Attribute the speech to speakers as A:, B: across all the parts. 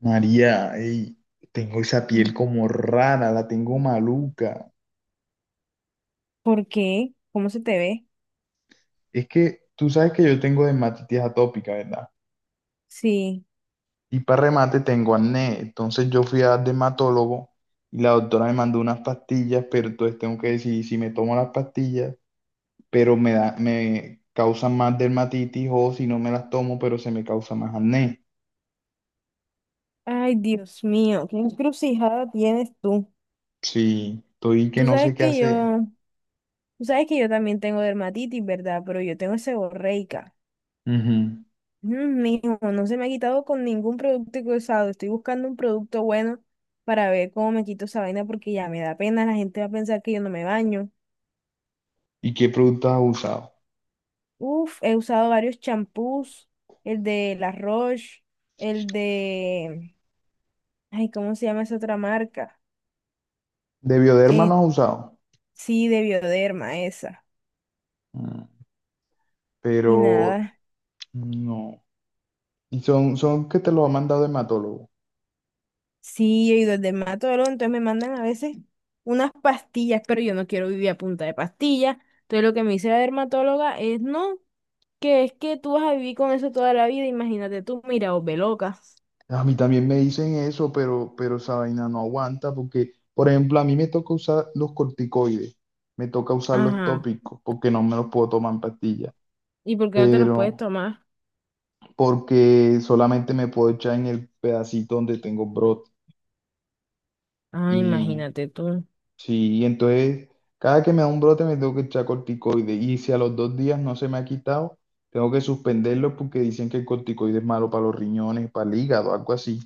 A: María, ey, tengo esa
B: Mm.
A: piel como rara, la tengo maluca.
B: ¿Por qué? ¿Cómo se te ve?
A: Es que tú sabes que yo tengo dermatitis atópica, ¿verdad?
B: Sí.
A: Y para remate tengo acné. Entonces yo fui a dermatólogo y la doctora me mandó unas pastillas, pero entonces tengo que decidir si me tomo las pastillas, pero me da, me causan más dermatitis o si no me las tomo, pero se me causa más acné.
B: Ay, Dios mío, qué encrucijada tienes tú.
A: Sí, estoy que
B: Tú
A: no
B: sabes
A: sé qué
B: que
A: hacer.
B: yo, tú sabes que yo también tengo dermatitis, ¿verdad? Pero yo tengo seborreica.
A: Ujú.
B: Mm, mijo, no se me ha quitado con ningún producto cruzado. Estoy buscando un producto bueno para ver cómo me quito esa vaina porque ya me da pena. La gente va a pensar que yo no me baño.
A: ¿Y qué productos has usado?
B: Uf, he usado varios champús, el de La Roche, el de, ay, ¿cómo se llama esa otra marca?
A: ¿De Bioderma no has usado?
B: Sí, de Bioderma esa.
A: Mm,
B: Y
A: pero
B: nada.
A: no. Y son, son que te lo ha mandado hematólogo.
B: Sí, yo he ido al dermatólogo, entonces me mandan a veces unas pastillas, pero yo no quiero vivir a punta de pastillas. Entonces lo que me dice la dermatóloga es, no, que es que tú vas a vivir con eso toda la vida, imagínate tú, mira, os ve loca.
A: A mí también me dicen eso, pero esa vaina no aguanta porque, por ejemplo, a mí me toca usar los corticoides, me toca usar los
B: Ajá.
A: tópicos porque no me los puedo tomar en pastilla,
B: ¿Y por qué no te los puedes
A: pero
B: tomar?
A: porque solamente me puedo echar en el pedacito donde tengo brote.
B: Ah, imagínate tú.
A: Sí, entonces cada que me da un brote me tengo que echar corticoide y si a los dos días no se me ha quitado, tengo que suspenderlo porque dicen que el corticoide es malo para los riñones, para el hígado, algo así.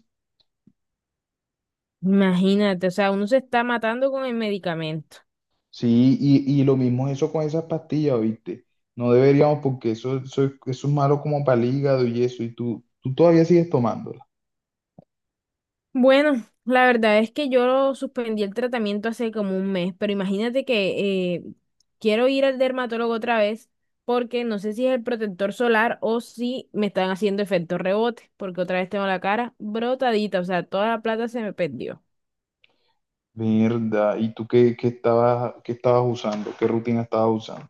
B: Imagínate, o sea, uno se está matando con el medicamento.
A: Sí, y lo mismo es eso con esas pastillas, ¿viste? No deberíamos porque eso es malo como para el hígado y eso, y tú todavía sigues tomándola.
B: Bueno, la verdad es que yo suspendí el tratamiento hace como un mes, pero imagínate que quiero ir al dermatólogo otra vez porque no sé si es el protector solar o si me están haciendo efecto rebote, porque otra vez tengo la cara brotadita, o sea, toda la plata se me perdió.
A: Verdad, ¿y tú qué, qué estabas usando? ¿Qué rutina estabas usando?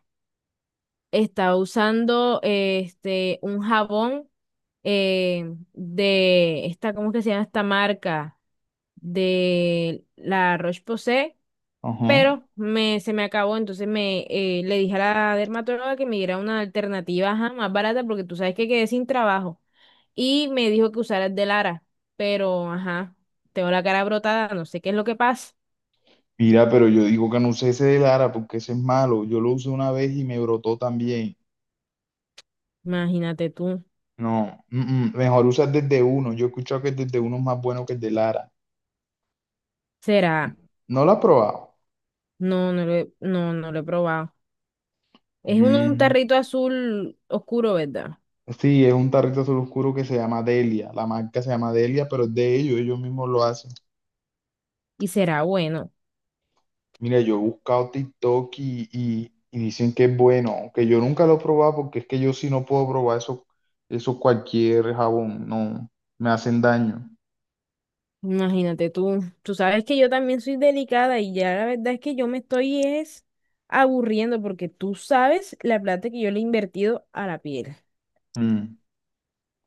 B: Estaba usando este un jabón eh, de esta, ¿cómo es que se llama esta marca? De La Roche-Posay
A: Ajá.
B: pero me, se me acabó, entonces me le dije a la dermatóloga que me diera una alternativa ajá, más barata porque tú sabes que quedé sin trabajo y me dijo que usara el de Lara, pero ajá, tengo la cara brotada, no sé qué es lo que pasa.
A: Mira, pero yo digo que no usé ese de Lara porque ese es malo. Yo lo usé una vez y me brotó también.
B: Imagínate tú,
A: No, mejor usas desde uno. Yo he escuchado que el desde uno es más bueno que el de Lara.
B: será,
A: ¿No lo has probado?
B: no, no lo he probado. Es un
A: Mm,
B: tarrito azul oscuro, ¿verdad?
A: sí, es un tarrito azul oscuro que se llama Delia. La marca se llama Delia, pero es de ellos, ellos mismos lo hacen.
B: Y será bueno.
A: Mira, yo he buscado TikTok y dicen que es bueno, aunque yo nunca lo he probado porque es que yo sí no puedo probar eso, eso cualquier jabón, no, me hacen daño.
B: Imagínate tú, tú sabes que yo también soy delicada y ya la verdad es que yo me estoy es aburriendo porque tú sabes la plata que yo le he invertido a la piel.
A: Mm,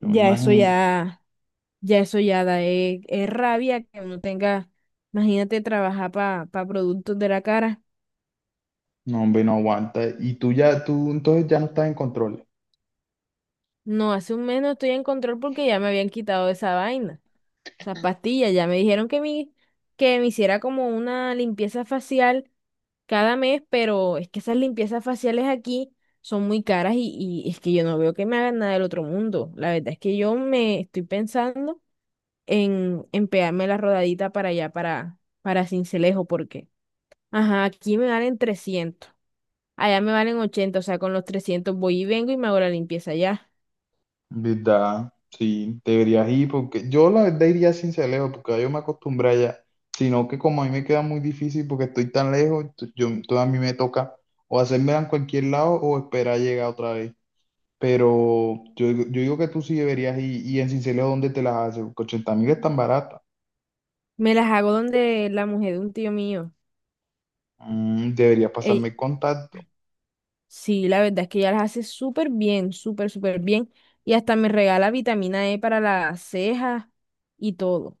A: yo me
B: eso
A: imagino.
B: ya, ya eso ya da rabia que uno tenga, imagínate trabajar para productos de la cara.
A: No, hombre, no aguanta. Y tú ya, tú entonces ya no estás en control.
B: No, hace un mes no estoy en control porque ya me habían quitado esa vaina. Esas pastillas, ya me dijeron que me hiciera como una limpieza facial cada mes, pero es que esas limpiezas faciales aquí son muy caras y es que yo no veo que me hagan nada del otro mundo. La verdad es que yo me estoy pensando en pegarme la rodadita para allá, para Cincelejo, porque, ajá, aquí me valen trescientos, allá me valen ochenta, o sea, con los 300 voy y vengo y me hago la limpieza allá.
A: ¿Verdad? Sí, deberías ir porque yo la verdad iría sin Celeo porque yo me acostumbré allá, sino que como a mí me queda muy difícil porque estoy tan lejos, yo, entonces a mí me toca o hacerme en cualquier lado o esperar llegar otra vez. Pero yo, yo digo que tú sí deberías ir y en Sincelejo, ¿dónde te las haces? Porque 80.000 es tan barata.
B: Me las hago donde la mujer de un tío mío.
A: Mm, deberías pasarme el contacto.
B: Sí, la verdad es que ella las hace súper bien, súper, súper bien. Y hasta me regala vitamina E para las cejas y todo.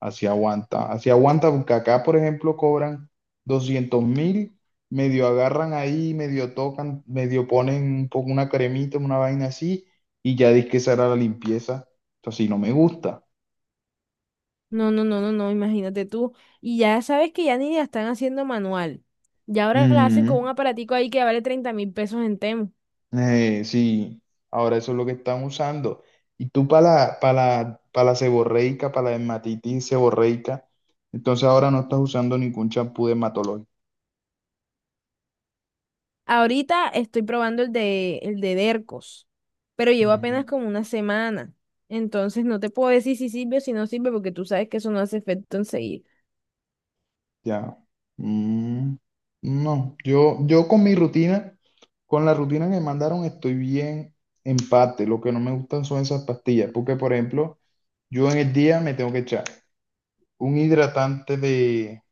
A: Así aguanta, porque acá, por ejemplo, cobran 200.000, medio agarran ahí, medio tocan, medio ponen un poco una cremita, una vaina así, y ya dice que esa era la limpieza. Entonces, así no me gusta.
B: No, no, no, no, no, imagínate tú. Y ya sabes que ya ni la están haciendo manual. Ya ahora la hacen
A: Ujú.
B: con un aparatico ahí que vale 30.000 pesos en Temu.
A: Sí, ahora eso es lo que están usando. Y tú para para la seborreica, para la dermatitis seborreica, entonces ahora no estás usando ningún champú dermatológico.
B: Ahorita estoy probando el de Dercos, pero llevo apenas
A: Ujú.
B: como una semana. Entonces no te puedo decir si sirve o si no sirve porque tú sabes que eso no hace efecto enseguida.
A: Ya. Mm, no, yo con mi rutina, con la rutina que me mandaron, estoy bien en parte. Lo que no me gustan son esas pastillas, porque por ejemplo, yo en el día me tengo que echar un hidratante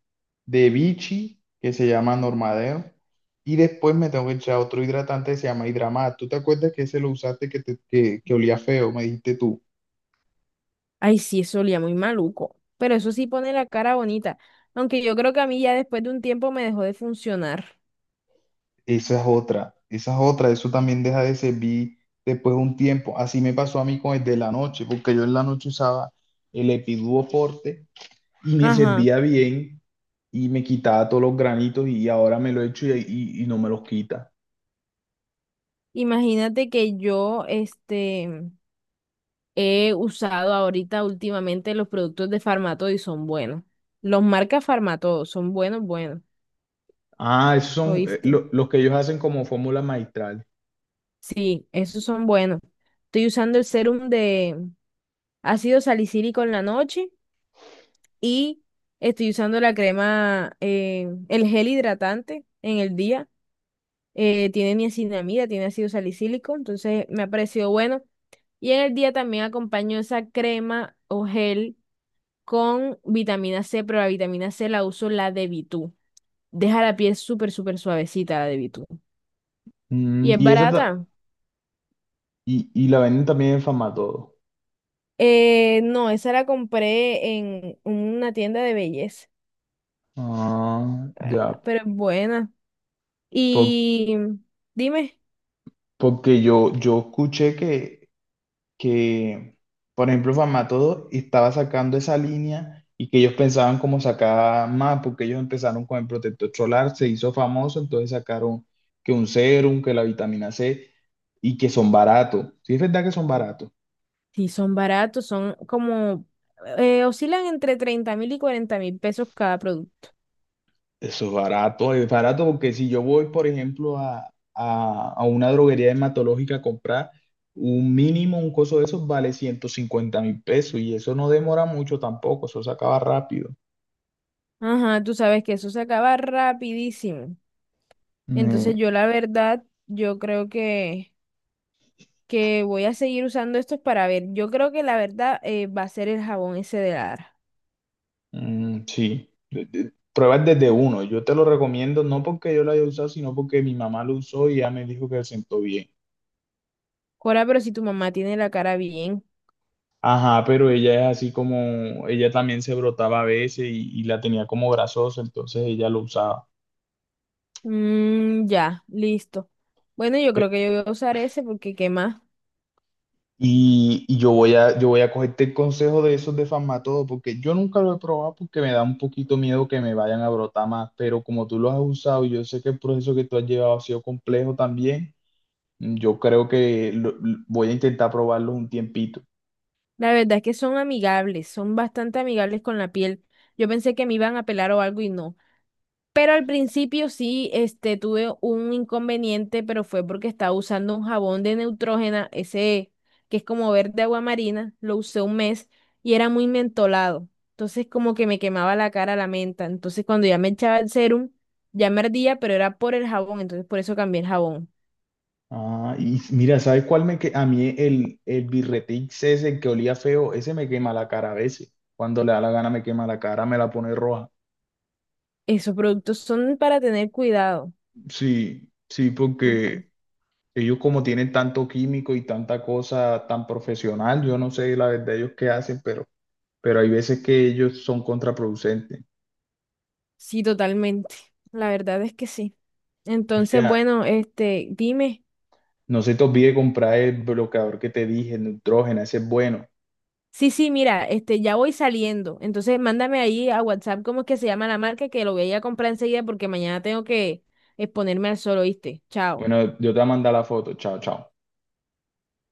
A: de Vichy, que se llama Normadero, y después me tengo que echar otro hidratante que se llama Hidramat. ¿Tú te acuerdas que ese lo usaste que olía feo, me dijiste tú?
B: Ay, sí, eso olía muy maluco. Pero eso sí pone la cara bonita. Aunque yo creo que a mí ya después de un tiempo me dejó de funcionar.
A: Esa es otra, eso también deja de servir después de un tiempo. Así me pasó a mí con el de la noche, porque yo en la noche usaba el Epiduo Forte y me
B: Ajá.
A: servía bien y me quitaba todos los granitos y ahora me lo echo y no me los quita.
B: Imagínate que yo, este, he usado ahorita últimamente los productos de Farmatodo y son buenos. Los marcas Farmatodo son buenos, buenos.
A: Ah, esos son
B: ¿Oíste?
A: los que ellos hacen como fórmula maestral.
B: Sí, esos son buenos. Estoy usando el serum de ácido salicílico en la noche y estoy usando la crema, el gel hidratante en el día. Tiene niacinamida, tiene ácido salicílico, entonces me ha parecido bueno. Y en el día también acompaño esa crema o gel con vitamina C, pero la vitamina C la uso la de Vitú. Deja la piel súper, súper suavecita la de Vitú.
A: Mm,
B: ¿Y es
A: y esa ta-
B: barata?
A: y, y la venden también en Famatodo.
B: No, esa la compré en una tienda de belleza,
A: Ah,
B: la
A: ya,
B: verdad, pero es buena.
A: por-
B: Y dime,
A: porque yo escuché que que, por ejemplo, Famatodo estaba sacando esa línea y que ellos pensaban como sacar más, porque ellos empezaron con el protector solar, se hizo famoso, entonces sacaron que un serum, que la vitamina C y que son baratos. Sí, es verdad que son baratos.
B: si son baratos, son como, oscilan entre 30.000 y 40.000 pesos cada producto.
A: Eso es barato porque si yo voy, por ejemplo, a, a una droguería dermatológica a comprar un mínimo, un coso de esos vale 150.000 pesos y eso no demora mucho tampoco, eso se acaba rápido.
B: Ajá, tú sabes que eso se acaba rapidísimo.
A: Mm,
B: Entonces yo la verdad, que voy a seguir usando estos para ver. Yo creo que la verdad va a ser el jabón ese de Lara.
A: Sí, pruebas desde uno. Yo te lo recomiendo no porque yo lo haya usado, sino porque mi mamá lo usó y ya me dijo que se sentó bien.
B: Cora, pero si tu mamá tiene la cara bien.
A: Ajá, pero ella es así como, ella también se brotaba a veces y la tenía como grasosa, entonces ella lo usaba.
B: Mm, ya, listo. Bueno, yo
A: Pe-
B: creo que yo voy a usar ese porque qué más.
A: Y yo voy a cogerte el consejo de esos de Farmatodo, porque yo nunca lo he probado porque me da un poquito miedo que me vayan a brotar más, pero como tú lo has usado, y yo sé que el proceso que tú has llevado ha sido complejo también. Yo creo que voy a intentar probarlo un tiempito.
B: La verdad es que son amigables, son bastante amigables con la piel. Yo pensé que me iban a pelar o algo y no. Pero al principio sí, este, tuve un inconveniente, pero fue porque estaba usando un jabón de Neutrógena, ese que es como verde agua marina, lo usé un mes y era muy mentolado. Entonces como que me quemaba la cara la menta. Entonces cuando ya me echaba el serum, ya me ardía, pero era por el jabón, entonces por eso cambié el jabón.
A: Ah, y mira, ¿sabes cuál me que a mí el birretix ese, el que olía feo, ese me quema la cara a veces. Cuando le da la gana me quema la cara, me la pone roja.
B: Esos productos son para tener cuidado.
A: Sí, sí, porque ellos como tienen tanto químico y tanta cosa tan profesional, yo no sé la verdad ellos qué hacen, pero hay veces que ellos son contraproducentes.
B: Sí, totalmente. La verdad es que sí. Entonces,
A: Mira,
B: bueno, este, dime.
A: no se te olvide comprar el bloqueador que te dije, el nitrógeno, ese es bueno.
B: Sí, sí, mira, este, ya voy saliendo. Entonces, mándame ahí a WhatsApp cómo es que se llama la marca, que lo voy a ir a comprar enseguida porque mañana tengo que exponerme al sol, ¿oíste? Chao.
A: Bueno, yo te voy a mandar la foto. Chao, chao.